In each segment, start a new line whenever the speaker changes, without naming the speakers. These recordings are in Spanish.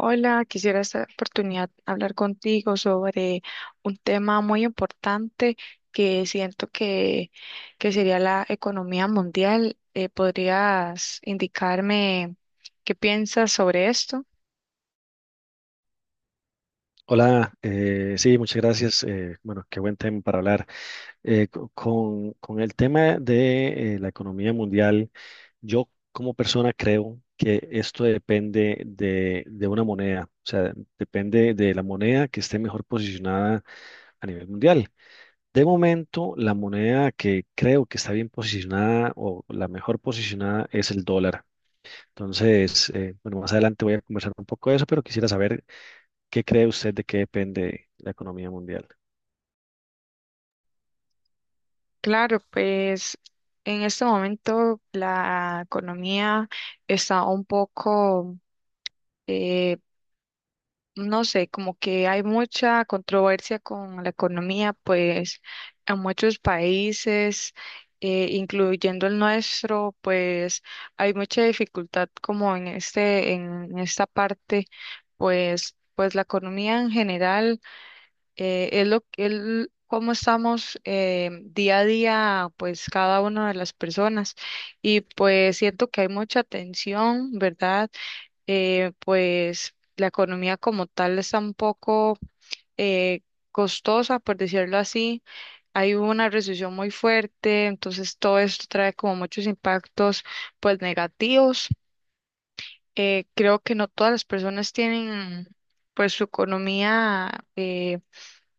Hola, quisiera esta oportunidad hablar contigo sobre un tema muy importante que siento que, que sería la economía mundial. ¿Podrías indicarme qué piensas sobre esto?
Hola, sí, muchas gracias. Bueno, Qué buen tema para hablar. Con el tema de la economía mundial, yo como persona creo que esto depende de una moneda, o sea, depende de la moneda que esté mejor posicionada a nivel mundial. De momento, la moneda que creo que está bien posicionada o la mejor posicionada es el dólar. Entonces, bueno, más adelante voy a conversar un poco de eso, pero quisiera saber, ¿qué cree usted de qué depende la economía mundial?
Claro, pues en este momento la economía está un poco, eh, no sé, como que hay mucha controversia con la economía, pues en muchos países, incluyendo el nuestro, pues hay mucha dificultad como en esta parte, pues la economía en general, es lo que cómo estamos día a día, pues cada una de las personas. Y pues siento que hay mucha tensión, ¿verdad? Pues la economía como tal está un poco eh, costosa, por decirlo así. Hay una recesión muy fuerte, entonces todo esto trae como muchos impactos pues negativos. Creo que no todas las personas tienen pues su economía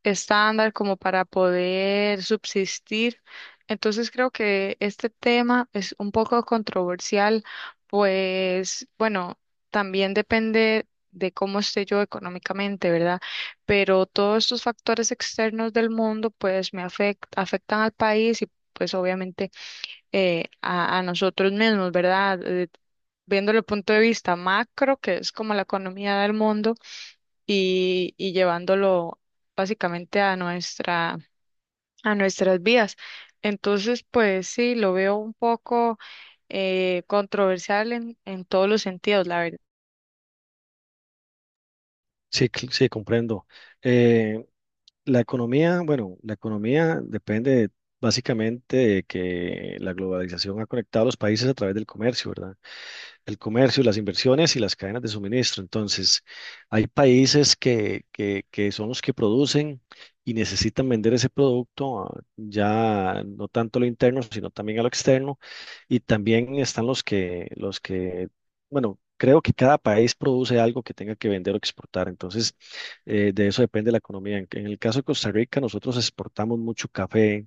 estándar como para poder subsistir. Entonces creo que este tema es un poco controversial, pues bueno, también depende de cómo esté yo económicamente, ¿verdad? Pero todos estos factores externos del mundo pues me afectan al país y pues obviamente a nosotros mismos, ¿verdad? Viéndolo el punto de vista macro, que es como la economía del mundo, y llevándolo básicamente a nuestras vidas. Entonces, pues sí, lo veo un poco controversial en todos los sentidos, la verdad.
Sí, comprendo. Eh, la economía, bueno, la economía depende básicamente de que la globalización ha conectado a los países a través del comercio, ¿verdad? El comercio, las inversiones y las cadenas de suministro. Entonces, hay países que son los que producen y necesitan vender ese producto, ya no tanto a lo interno, sino también a lo externo. Y también están bueno, creo que cada país produce algo que tenga que vender o exportar. Entonces, de eso depende la economía. En el caso de Costa Rica, nosotros exportamos mucho café,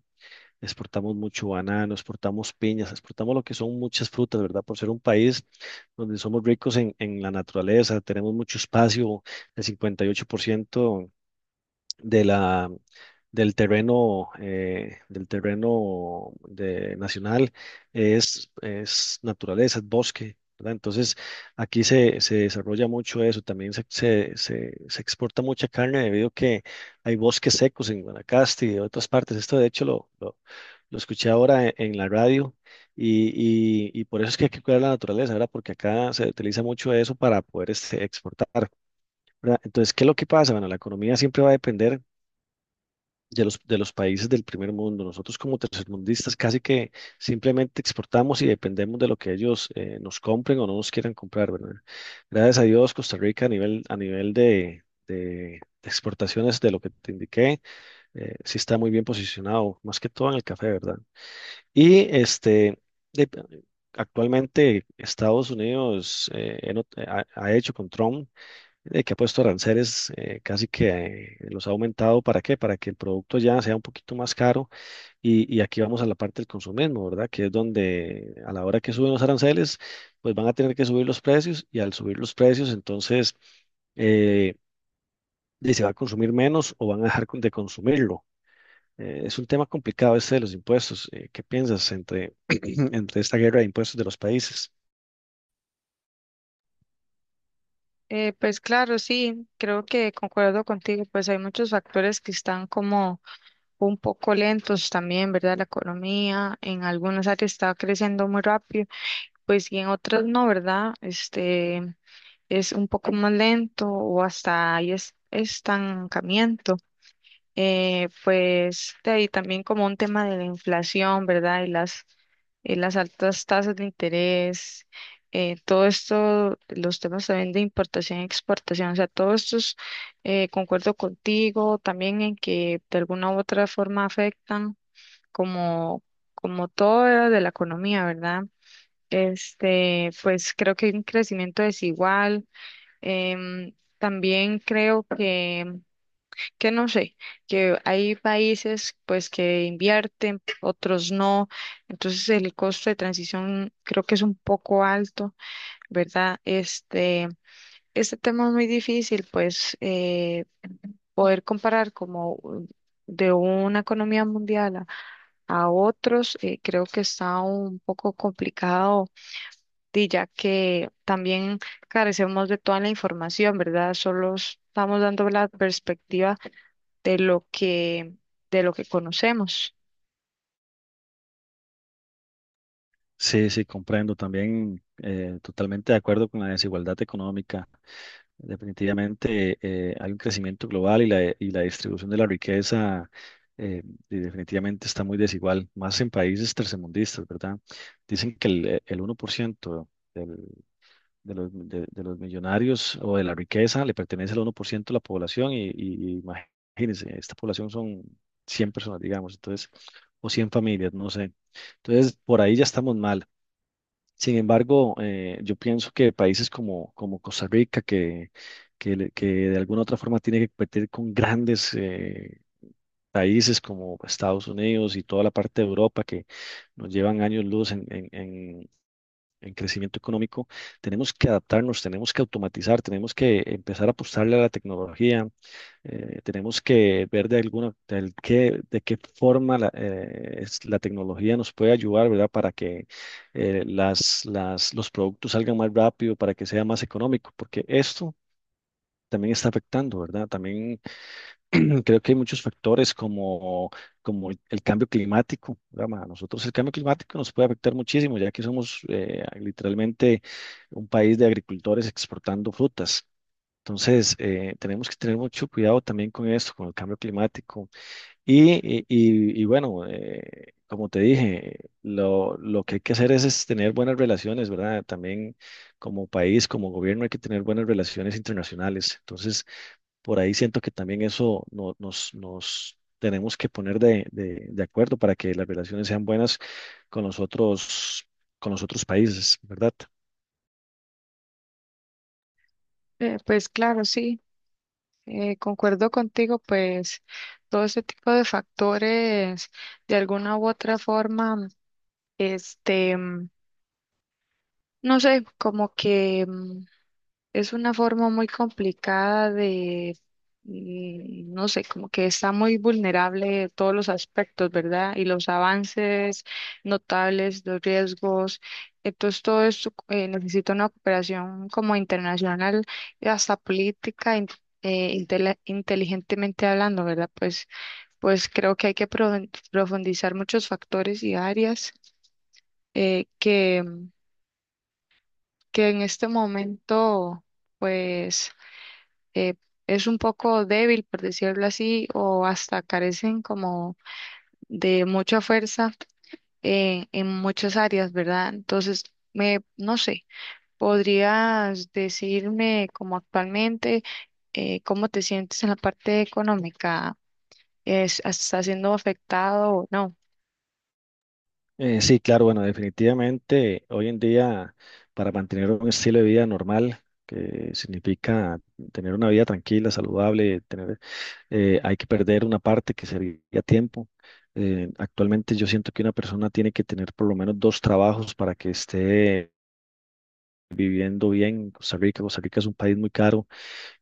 exportamos mucho banano, exportamos piñas, exportamos lo que son muchas frutas, ¿verdad? Por ser un país donde somos ricos en la naturaleza, tenemos mucho espacio. El 58% de la, del terreno nacional es naturaleza, es bosque, ¿verdad? Entonces, aquí se desarrolla mucho eso, también se exporta mucha carne debido a que hay bosques secos en Guanacaste y en otras partes. Esto, de hecho, lo escuché ahora en la radio. Y por eso es que hay que cuidar la naturaleza, ¿verdad? Porque acá se utiliza mucho eso para poder este, exportar, ¿verdad? Entonces, ¿qué es lo que pasa? Bueno, la economía siempre va a depender de los países del primer mundo. Nosotros como tercermundistas casi que simplemente exportamos y dependemos de lo que ellos nos compren o no nos quieran comprar, ¿verdad? Gracias a Dios, Costa Rica a nivel de exportaciones de lo que te indiqué, sí está muy bien posicionado, más que todo en el café, ¿verdad? Y este... de- Actualmente, Estados Unidos he not- ha, ha hecho con Trump, que ha puesto aranceles, casi que los ha aumentado. ¿Para qué? Para que el producto ya sea un poquito más caro. Y aquí vamos a la parte del consumismo, ¿verdad? Que es donde a la hora que suben los aranceles, pues van a tener que subir los precios, y al subir los precios, entonces, eh, se va a consumir menos o van a dejar de consumirlo. Es un tema complicado este de los impuestos. ¿Qué piensas entre esta guerra de impuestos de los países?
Pues claro, sí, creo que concuerdo contigo, pues hay muchos factores que están como un poco lentos también, ¿verdad? La economía en algunas áreas está creciendo muy rápido. Pues y en otras no, ¿verdad? Este es un poco más lento o hasta estancamiento. Pues de ahí también como un tema de la inflación, ¿verdad? Y las altas tasas de interés, todo esto, los temas también de importación y exportación, o sea, todo esto es, concuerdo contigo también en que de alguna u otra forma afectan como, como todo era de la economía, ¿verdad? Este, pues creo que hay un crecimiento desigual. También creo que no sé, que hay países pues que invierten, otros no. Entonces el costo de transición creo que es un poco alto, ¿verdad? Este tema es muy difícil, pues poder comparar de una economía mundial a otros, creo que está un poco complicado y ya que también carecemos de toda la información, ¿verdad? Solo estamos dando la perspectiva de lo que, de lo que conocemos.
Sí, sí, comprendo. También, totalmente de acuerdo con la desigualdad económica. Definitivamente, hay un crecimiento global y la distribución de la riqueza, eh, y definitivamente está muy desigual, más en países tercermundistas, ¿verdad? Dicen que el 1% del- de los millonarios o de la riqueza le pertenece al uno por ciento de la población y, imagínense, esta población son 100 personas, digamos, entonces, o 100 familias, no sé. Entonces, por ahí ya estamos mal. Sin embargo, yo pienso que países como Costa Rica, que de alguna u otra forma tiene que competir con grandes, países como Estados Unidos y toda la parte de Europa, que nos llevan años luz en crecimiento económico. Tenemos que adaptarnos, tenemos que automatizar, tenemos que empezar a apostarle a la tecnología. Tenemos que ver de alguna, de, al- qué, de qué forma la tecnología nos puede ayudar, ¿verdad? Para que los productos salgan más rápido, para que sea más económico, porque esto también está afectando, ¿verdad? También, creo que hay muchos factores como el cambio climático, ¿verdad? Ma? A nosotros el cambio climático nos puede afectar muchísimo, ya que somos literalmente un país de agricultores exportando frutas. Entonces, tenemos que tener mucho cuidado también con esto, con el cambio climático. Y bueno, como te dije, lo que hay que hacer es tener buenas relaciones, ¿verdad? También, como país, como gobierno, hay que tener buenas relaciones internacionales. Entonces, por ahí siento que también eso nos tenemos que poner de acuerdo para que las relaciones sean buenas con los otros, con los otros países, ¿verdad?
Pues claro, sí, concuerdo contigo, pues todo ese tipo de factores, de alguna u otra forma, este, mm, no sé, como que mm, es una forma muy complicada de, mm, no sé, como que está muy vulnerable en todos los aspectos, ¿verdad? Y los avances notables, los riesgos. Entonces, todo esto necesita una cooperación como internacional, y hasta política, inteligentemente hablando, ¿verdad? Pues, pues creo que hay que profundizar muchos factores y áreas eh, que, que en este momento, pues eh, es un poco débil, por decirlo así, o hasta carecen como de mucha fuerza en muchas áreas, ¿verdad? Entonces, me, no sé, ¿podrías decirme como actualmente cómo te sientes en la parte económica? Estás siendo afectado o no?
Sí, claro, bueno, definitivamente hoy en día, para mantener un estilo de vida normal, que significa tener una vida tranquila, saludable, hay que perder una parte que sería tiempo. Actualmente, yo siento que una persona tiene que tener por lo menos 2 trabajos para que esté viviendo bien en Costa Rica. Costa Rica es un país muy caro,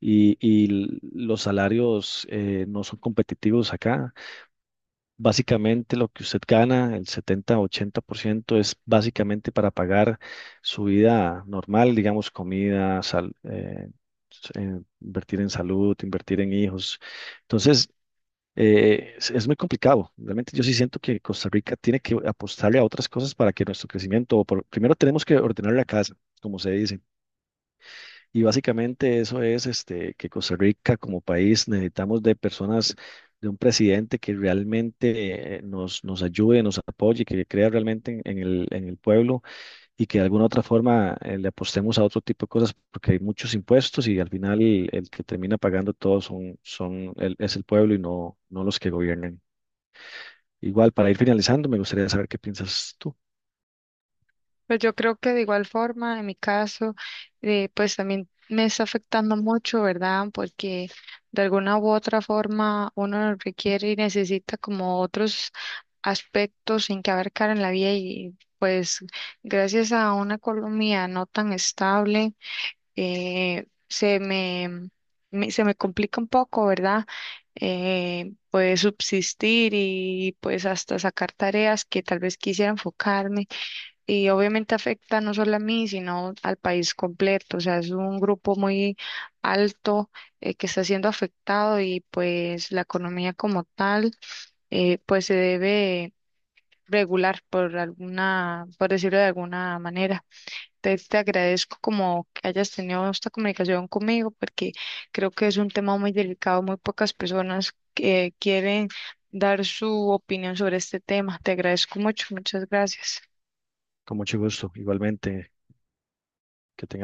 y los salarios, no son competitivos acá. Básicamente, lo que usted gana, el 70-80%, es básicamente para pagar su vida normal, digamos, comida, invertir en salud, invertir en hijos. Entonces, es muy complicado. Realmente yo sí siento que Costa Rica tiene que apostarle a otras cosas para que nuestro crecimiento, primero tenemos que ordenar la casa, como se dice. Y básicamente eso es este, que Costa Rica como país necesitamos de personas, de un presidente que realmente nos ayude, nos apoye, que crea realmente en el pueblo, y que de alguna otra forma, le apostemos a otro tipo de cosas, porque hay muchos impuestos y al final el que termina pagando todo es el pueblo y no los que gobiernan. Igual, para ir finalizando, me gustaría saber qué piensas tú.
Pues yo creo que de igual forma, en mi caso, pues también me está afectando mucho, ¿verdad? Porque de alguna u otra forma uno requiere y necesita como otros aspectos en que abarcar en la vida y pues gracias a una economía no tan estable, eh, se me, se me complica un poco, ¿verdad? Pues subsistir y pues hasta sacar tareas que tal vez quisiera enfocarme y obviamente afecta no solo a mí, sino al país completo. O sea, es un grupo muy alto que está siendo afectado y pues la economía como tal, pues se debe regular por alguna, por decirlo de alguna manera. Te agradezco como que hayas tenido esta comunicación conmigo porque creo que es un tema muy delicado, muy pocas personas que quieren dar su opinión sobre este tema. Te agradezco mucho, muchas gracias.
Con mucho gusto. Igualmente, que tengas.